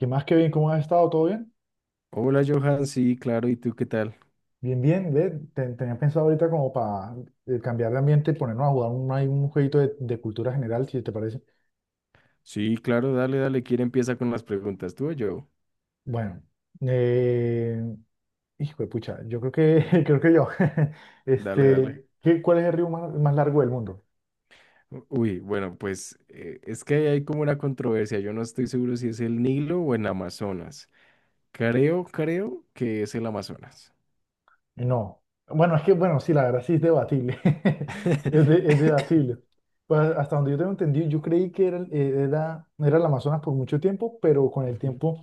¿Qué más, Kevin? ¿Cómo has estado? ¿Todo bien? Hola Johan, sí, claro, ¿y tú qué tal? Bien, bien. Tenía pensado ahorita como para cambiar de ambiente y ponernos a jugar un, ahí un jueguito de cultura general, si te parece. Sí, claro, dale, dale, ¿quién empieza con las preguntas? ¿Tú o yo? Bueno, eh, hijo de pucha, yo creo que, creo que yo. Dale, dale. Este, ¿cuál es el río más largo del mundo? Uy, bueno, pues es que ahí hay como una controversia, yo no estoy seguro si es el Nilo o el Amazonas. Creo que es el Amazonas. No. Bueno, es que, bueno, sí, la verdad sí es debatible. Es debatible. Pues hasta donde yo tengo entendido, yo creí que era el Amazonas por mucho tiempo, pero con el Ujú. tiempo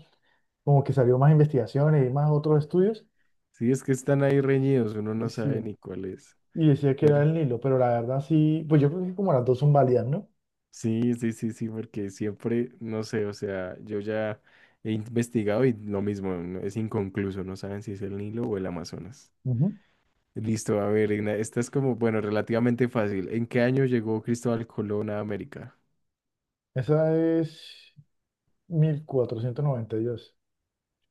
como que salió más investigaciones y más otros estudios, Sí, es que están ahí reñidos, uno no y, sabe sí, ni cuál es. y decía que era Pero el Nilo, pero la verdad sí, pues yo creo que como las dos son válidas, ¿no? sí, sí, sí, sí, porque siempre, no sé, o sea, yo ya he investigado y lo mismo, es inconcluso, no saben si es el Nilo o el Amazonas. Ujú. Listo, a ver, esta es como, bueno, relativamente fácil. ¿En qué año llegó Cristóbal Colón a América? Esa es 1492.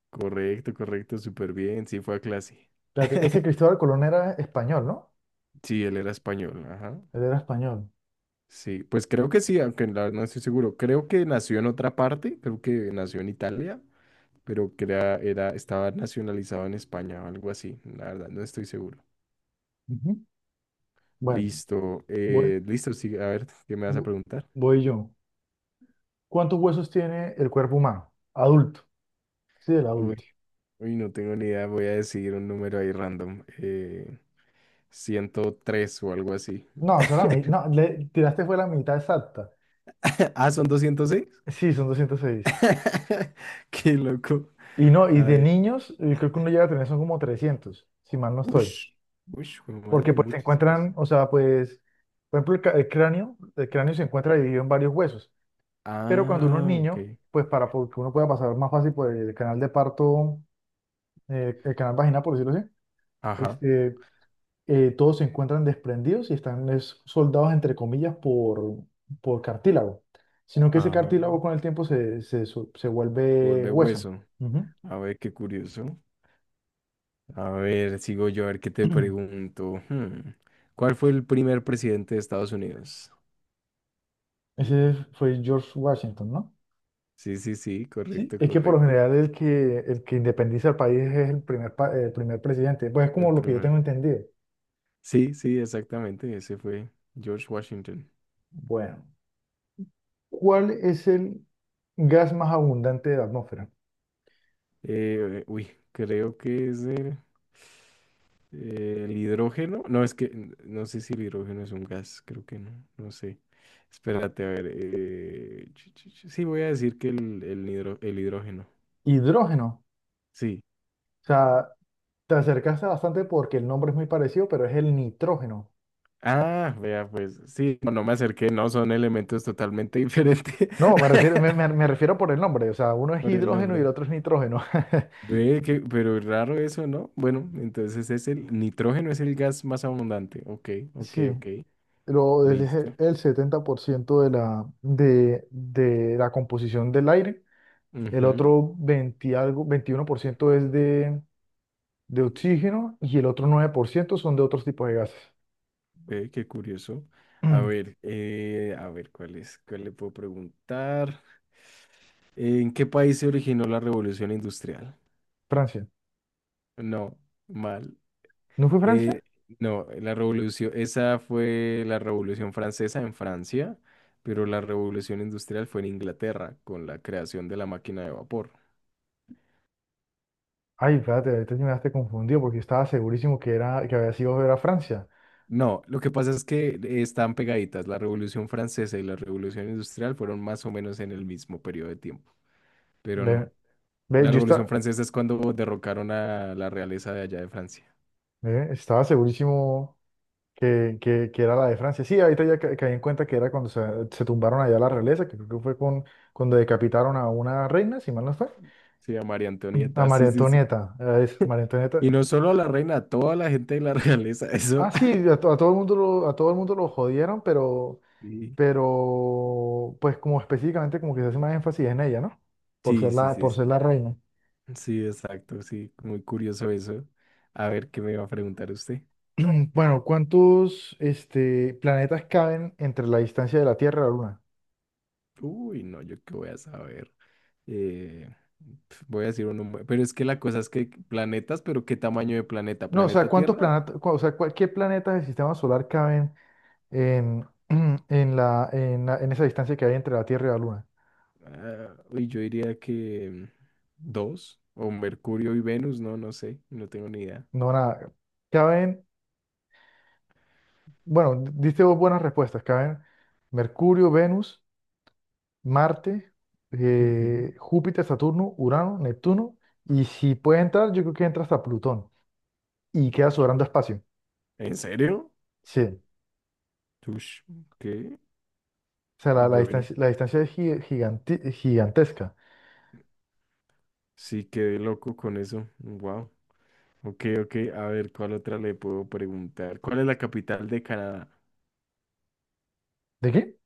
Correcto, correcto, súper bien. Sí, fue a clase. Espérate, ese Cristóbal Colón era español, ¿no? Sí, él era español, ajá. Él era español. Sí, pues creo que sí, aunque la verdad no estoy seguro. Creo que nació en otra parte, creo que nació en Italia, pero que era, estaba nacionalizado en España o algo así. La verdad, no estoy seguro. Ujú. Bueno, Listo, voy, listo, sí, a ver, ¿qué me vas a vo- preguntar? voy yo. ¿Cuántos huesos tiene el cuerpo humano? Adulto. Sí, el Uy, adulto. uy, no tengo ni idea, voy a decir un número ahí random. 103 o algo así. No, solamente, no, le tiraste fue la mitad exacta. Ah, son 206. Sí, son 206. Qué loco. Y no, y de Ay, niños, creo que uno llega a tener, son como 300 si mal no estoy. ush, ush, jue madre, Porque pues se muchísimos. encuentran, o sea, pues, por ejemplo, el cráneo se encuentra dividido en varios huesos. Pero cuando uno es Ah, niño, ok. pues que uno pueda pasar más fácil por el canal de parto, el canal vaginal, por decirlo así, Ajá. este, todos se encuentran desprendidos y están es, soldados, entre comillas, por cartílago. Sino que ese Ah, cartílago con el tiempo se se vuelve vuelve hueso. hueso. Ujú. A ver, qué curioso. A ver, sigo yo, a ver qué te pregunto. ¿Cuál fue el primer presidente de Estados Unidos? Ese fue George Washington, ¿no? Sí, sí, sí, Sí, correcto, es que por lo correcto. general el que independiza el país es el primer presidente. Pues es El como lo que yo primer. tengo entendido. Sí, sí, exactamente, ese fue George Washington. Bueno, ¿cuál es el gas más abundante de la atmósfera? Uy, creo que es el hidrógeno. No, es que no sé si el hidrógeno es un gas, creo que no, no sé. Espérate, a ver. Sí, voy a decir que el hidrógeno. Hidrógeno. Sí. O sea, te acercaste bastante porque el nombre es muy parecido, pero es el nitrógeno. Ah, vea, pues sí, no, no me acerqué, no, son elementos totalmente diferentes. No, me refiero, me refiero por el nombre. O sea, uno es Por el hidrógeno y el nombre. otro es nitrógeno. Ve que, pero es raro eso, ¿no? Bueno, entonces es el nitrógeno, es el gas más abundante. Ok, ok, Sí, ok. Listo. el 70% de la composición del aire. El Ujú. otro 20 algo, 21% es de oxígeno y el otro 9% son de otros tipos de gases. Ve, qué curioso. A ver, ¿cuál es? ¿Cuál le puedo preguntar? ¿En qué país se originó la revolución industrial? Francia. No, mal. ¿No fue Eh, Francia? no, la revolución, esa fue la revolución francesa en Francia, pero la revolución industrial fue en Inglaterra con la creación de la máquina de vapor. Ay, espérate, ahorita sí me dejaste confundido porque yo estaba segurísimo que había sido ver a Francia. No, lo que pasa es que están pegaditas. La revolución francesa y la revolución industrial fueron más o menos en el mismo periodo de tiempo, pero no. Ve, ve, La yo Revolución esta- Francesa es cuando derrocaron a la realeza de allá de Francia. Ve, estaba segurísimo que era la de Francia. Sí, ahorita ya caí en cuenta que era cuando se tumbaron allá la realeza, que creo que fue cuando decapitaron a una reina, si mal no fue. Sí, a María A Antonieta, sí, María sí, sí. Antonieta. Es María Antonieta. Y no solo a la reina, a toda la gente de la realeza, Ah, eso. sí, a todo el mundo lo, a todo el mundo lo jodieron, pero, pues como específicamente como que se hace más énfasis en ella, ¿no? Por Sí, ser sí, sí, por sí. ser Sí, la reina. sí, exacto, sí, muy curioso eso. A ver, ¿qué me iba a preguntar usted? Bueno, planetas caben entre la distancia de la Tierra a la Luna? Uy, no, yo qué voy a saber. Eh, voy a decir uno, pero es que la cosa es que planetas, pero ¿qué tamaño de planeta? No, o sea, ¿Planeta ¿cuántos Tierra? planetas, o sea, cuál- ¿qué planetas del sistema solar caben en, en esa distancia que hay entre la Tierra y la Luna? Ah, uy, yo diría que dos, o Mercurio y Venus, no, no sé, no tengo ni idea. No, nada. Caben, bueno, diste vos buenas respuestas. Caben Mercurio, Venus. Marte, Ujú. Júpiter, Saturno, Urano, Neptuno, y si puede entrar, yo creo que entra hasta Plutón y queda sobrando espacio. ¿En serio? Sí, o Ush, ¿qué? sea, Bueno, la distancia es gigantesca. sí quedé loco con eso. Wow. Ok, ok, a ver, ¿cuál otra le puedo preguntar? ¿Cuál es la capital de Canadá? ¿De qué?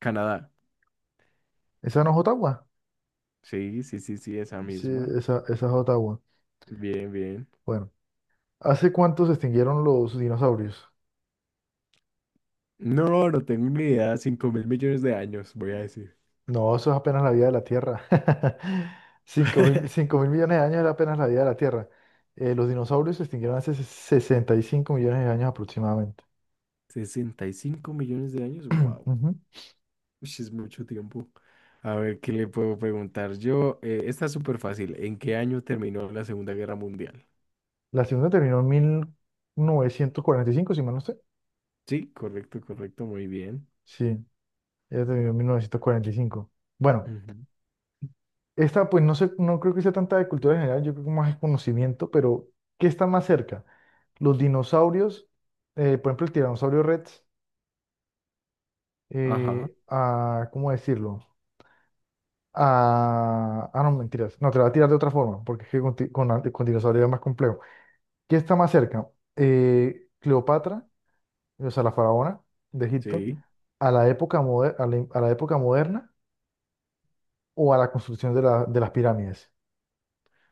Canadá. ¿Esa no es Ottawa? Sí, sí, sí, sí, esa Sí, misma. Esa es Ottawa. Bien, bien. Bueno, ¿hace cuánto se extinguieron los dinosaurios? No, no tengo ni idea. 5.000 millones de años, voy a decir. No, eso es apenas la vida de la Tierra. 5.000 millones de años era apenas la vida de la Tierra. Los dinosaurios se extinguieron hace 65 millones de años aproximadamente. 65 millones de años, wow. Ujú. Uy, es mucho tiempo. A ver, ¿qué le puedo preguntar yo? Está súper fácil. ¿En qué año terminó la Segunda Guerra Mundial? La segunda terminó en 1945, si mal no sé. Sí, correcto, correcto, muy bien. Sí, ella terminó Ah, en 1945. Bueno, ujú. esta pues no sé, no creo que sea tanta de cultura general, yo creo que más es conocimiento, pero ¿qué está más cerca? Los dinosaurios, por ejemplo, el tiranosaurio Rex, Ajá, ¿cómo decirlo? No, mentiras, no, te la voy a tirar de otra forma, porque es que con dinosaurio es más complejo. ¿Qué está más cerca? ¿Cleopatra? O sea, la faraona de Egipto, sí. A la época moderna o a la construcción de las pirámides.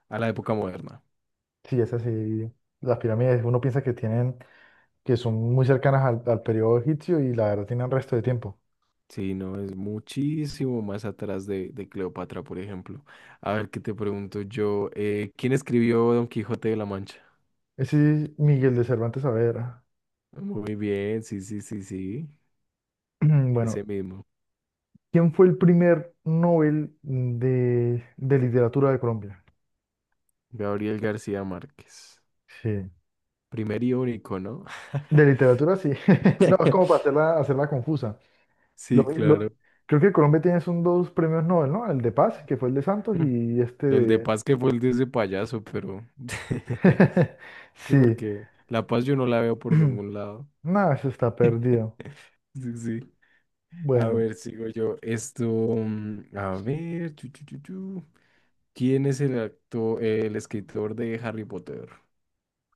A la época moderna. Sí, es así. Las pirámides uno piensa que tienen, que son muy cercanas al periodo egipcio y la verdad tienen resto de tiempo. Sí, no, es muchísimo más atrás de Cleopatra, por ejemplo. A ver, ¿qué te pregunto yo? ¿Quién escribió Don Quijote de la Mancha? Ese es Miguel de Cervantes Saavedra. Muy bien, sí, sí, sí, sí. Ese Bueno, mismo. ¿quién fue el primer Nobel de literatura de Colombia? Gabriel García Márquez. Sí. Primer y único, ¿no? De literatura, sí. No, es como para hacerla, hacerla confusa. Lo- Sí, claro. lo- Creo que Colombia tiene son dos premios Nobel, ¿no? El de Paz, que fue el de Santos, Mm. y este El de de... Paz que fue el de ese payaso, pero. Sí, Sí. porque la Paz yo no la veo por ningún lado. Nada, eso está perdido. Sí, sí. A Bueno, ver, sigo yo. Esto, a ver, chu, chu, chu, chu. ¿Quién es el actor, el escritor de Harry Potter?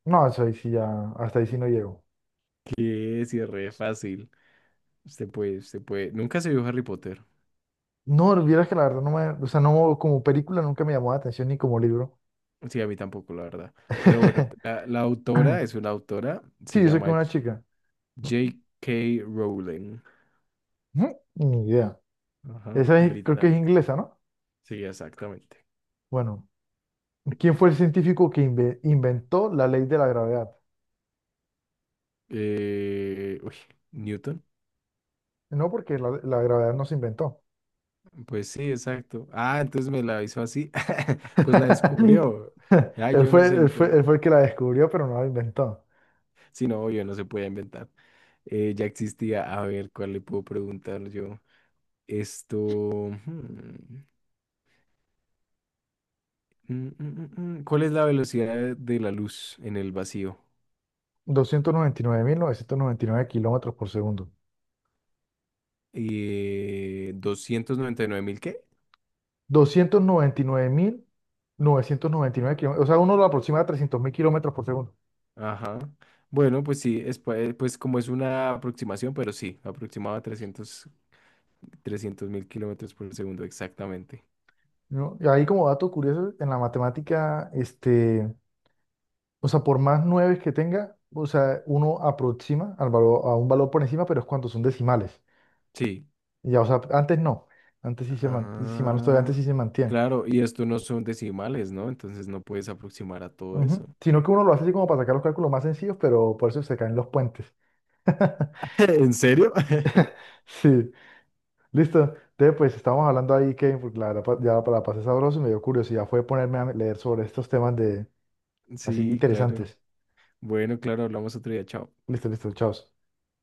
no, eso ahí sí ya, hasta ahí sí no llego. Que es re fácil. Usted puede, usted puede. Nunca se vio Harry Potter. No, vieras que la verdad no me, o sea, no, como película nunca me llamó la atención ni como libro. Sí, a mí tampoco, la verdad. Pero bueno, la autora es una autora, Sí, se yo sé que llama una chica. J- K. Rowling. Ujú, ni idea. Ajá, Esa es- creo que es británica. inglesa, ¿no? Sí, exactamente. Bueno, ¿quién fue el científico que inventó la ley de la gravedad? Uy, Newton. No, porque la gravedad no se inventó. Pues sí, exacto. Ah, entonces me la hizo así. Pues la descubrió. Ya, yo no sé, no tengo. Él fue el que la descubrió, pero no la inventó. Si no, yo no se puede inventar. Ya existía. A ver, ¿cuál le puedo preguntar yo? Esto. hmm, mm, mm, mm, mm. ¿Cuál es la velocidad de la luz en el vacío? Doscientos noventa y nueve mil novecientos noventa y nueve kilómetros por segundo. Doscientos noventa y nueve mil, qué. Doscientos noventa y nueve mil novecientos noventa y nueve kilómetros. O sea, uno lo aproxima a 300.000 kilómetros por segundo. Ajá. Bueno, pues sí, es, pues como es una aproximación, pero sí, aproximaba trescientos mil kilómetros por segundo exactamente. ¿No? Y ahí como dato curioso, en la matemática, o sea, por más nueve que tenga, o sea, uno aproxima al valor, a un valor por encima, pero es cuando son decimales. Sí. Ya, o sea, antes no. Antes sí se mantiene, antes Ah, sí se mantiene. claro, y esto no son decimales, ¿no? Entonces no puedes aproximar a todo Ujú. eso. Sino que uno lo hace así como para sacar los cálculos más sencillos, pero por eso se caen los puentes. ¿En serio? Sí, listo. Entonces, pues estábamos hablando ahí, Kevin, porque la verdad ya para pasar sabroso y me dio curiosidad fue ponerme a leer sobre estos temas de así Sí, claro. interesantes. Bueno, claro, hablamos otro día, chao. Listo, listo, chao.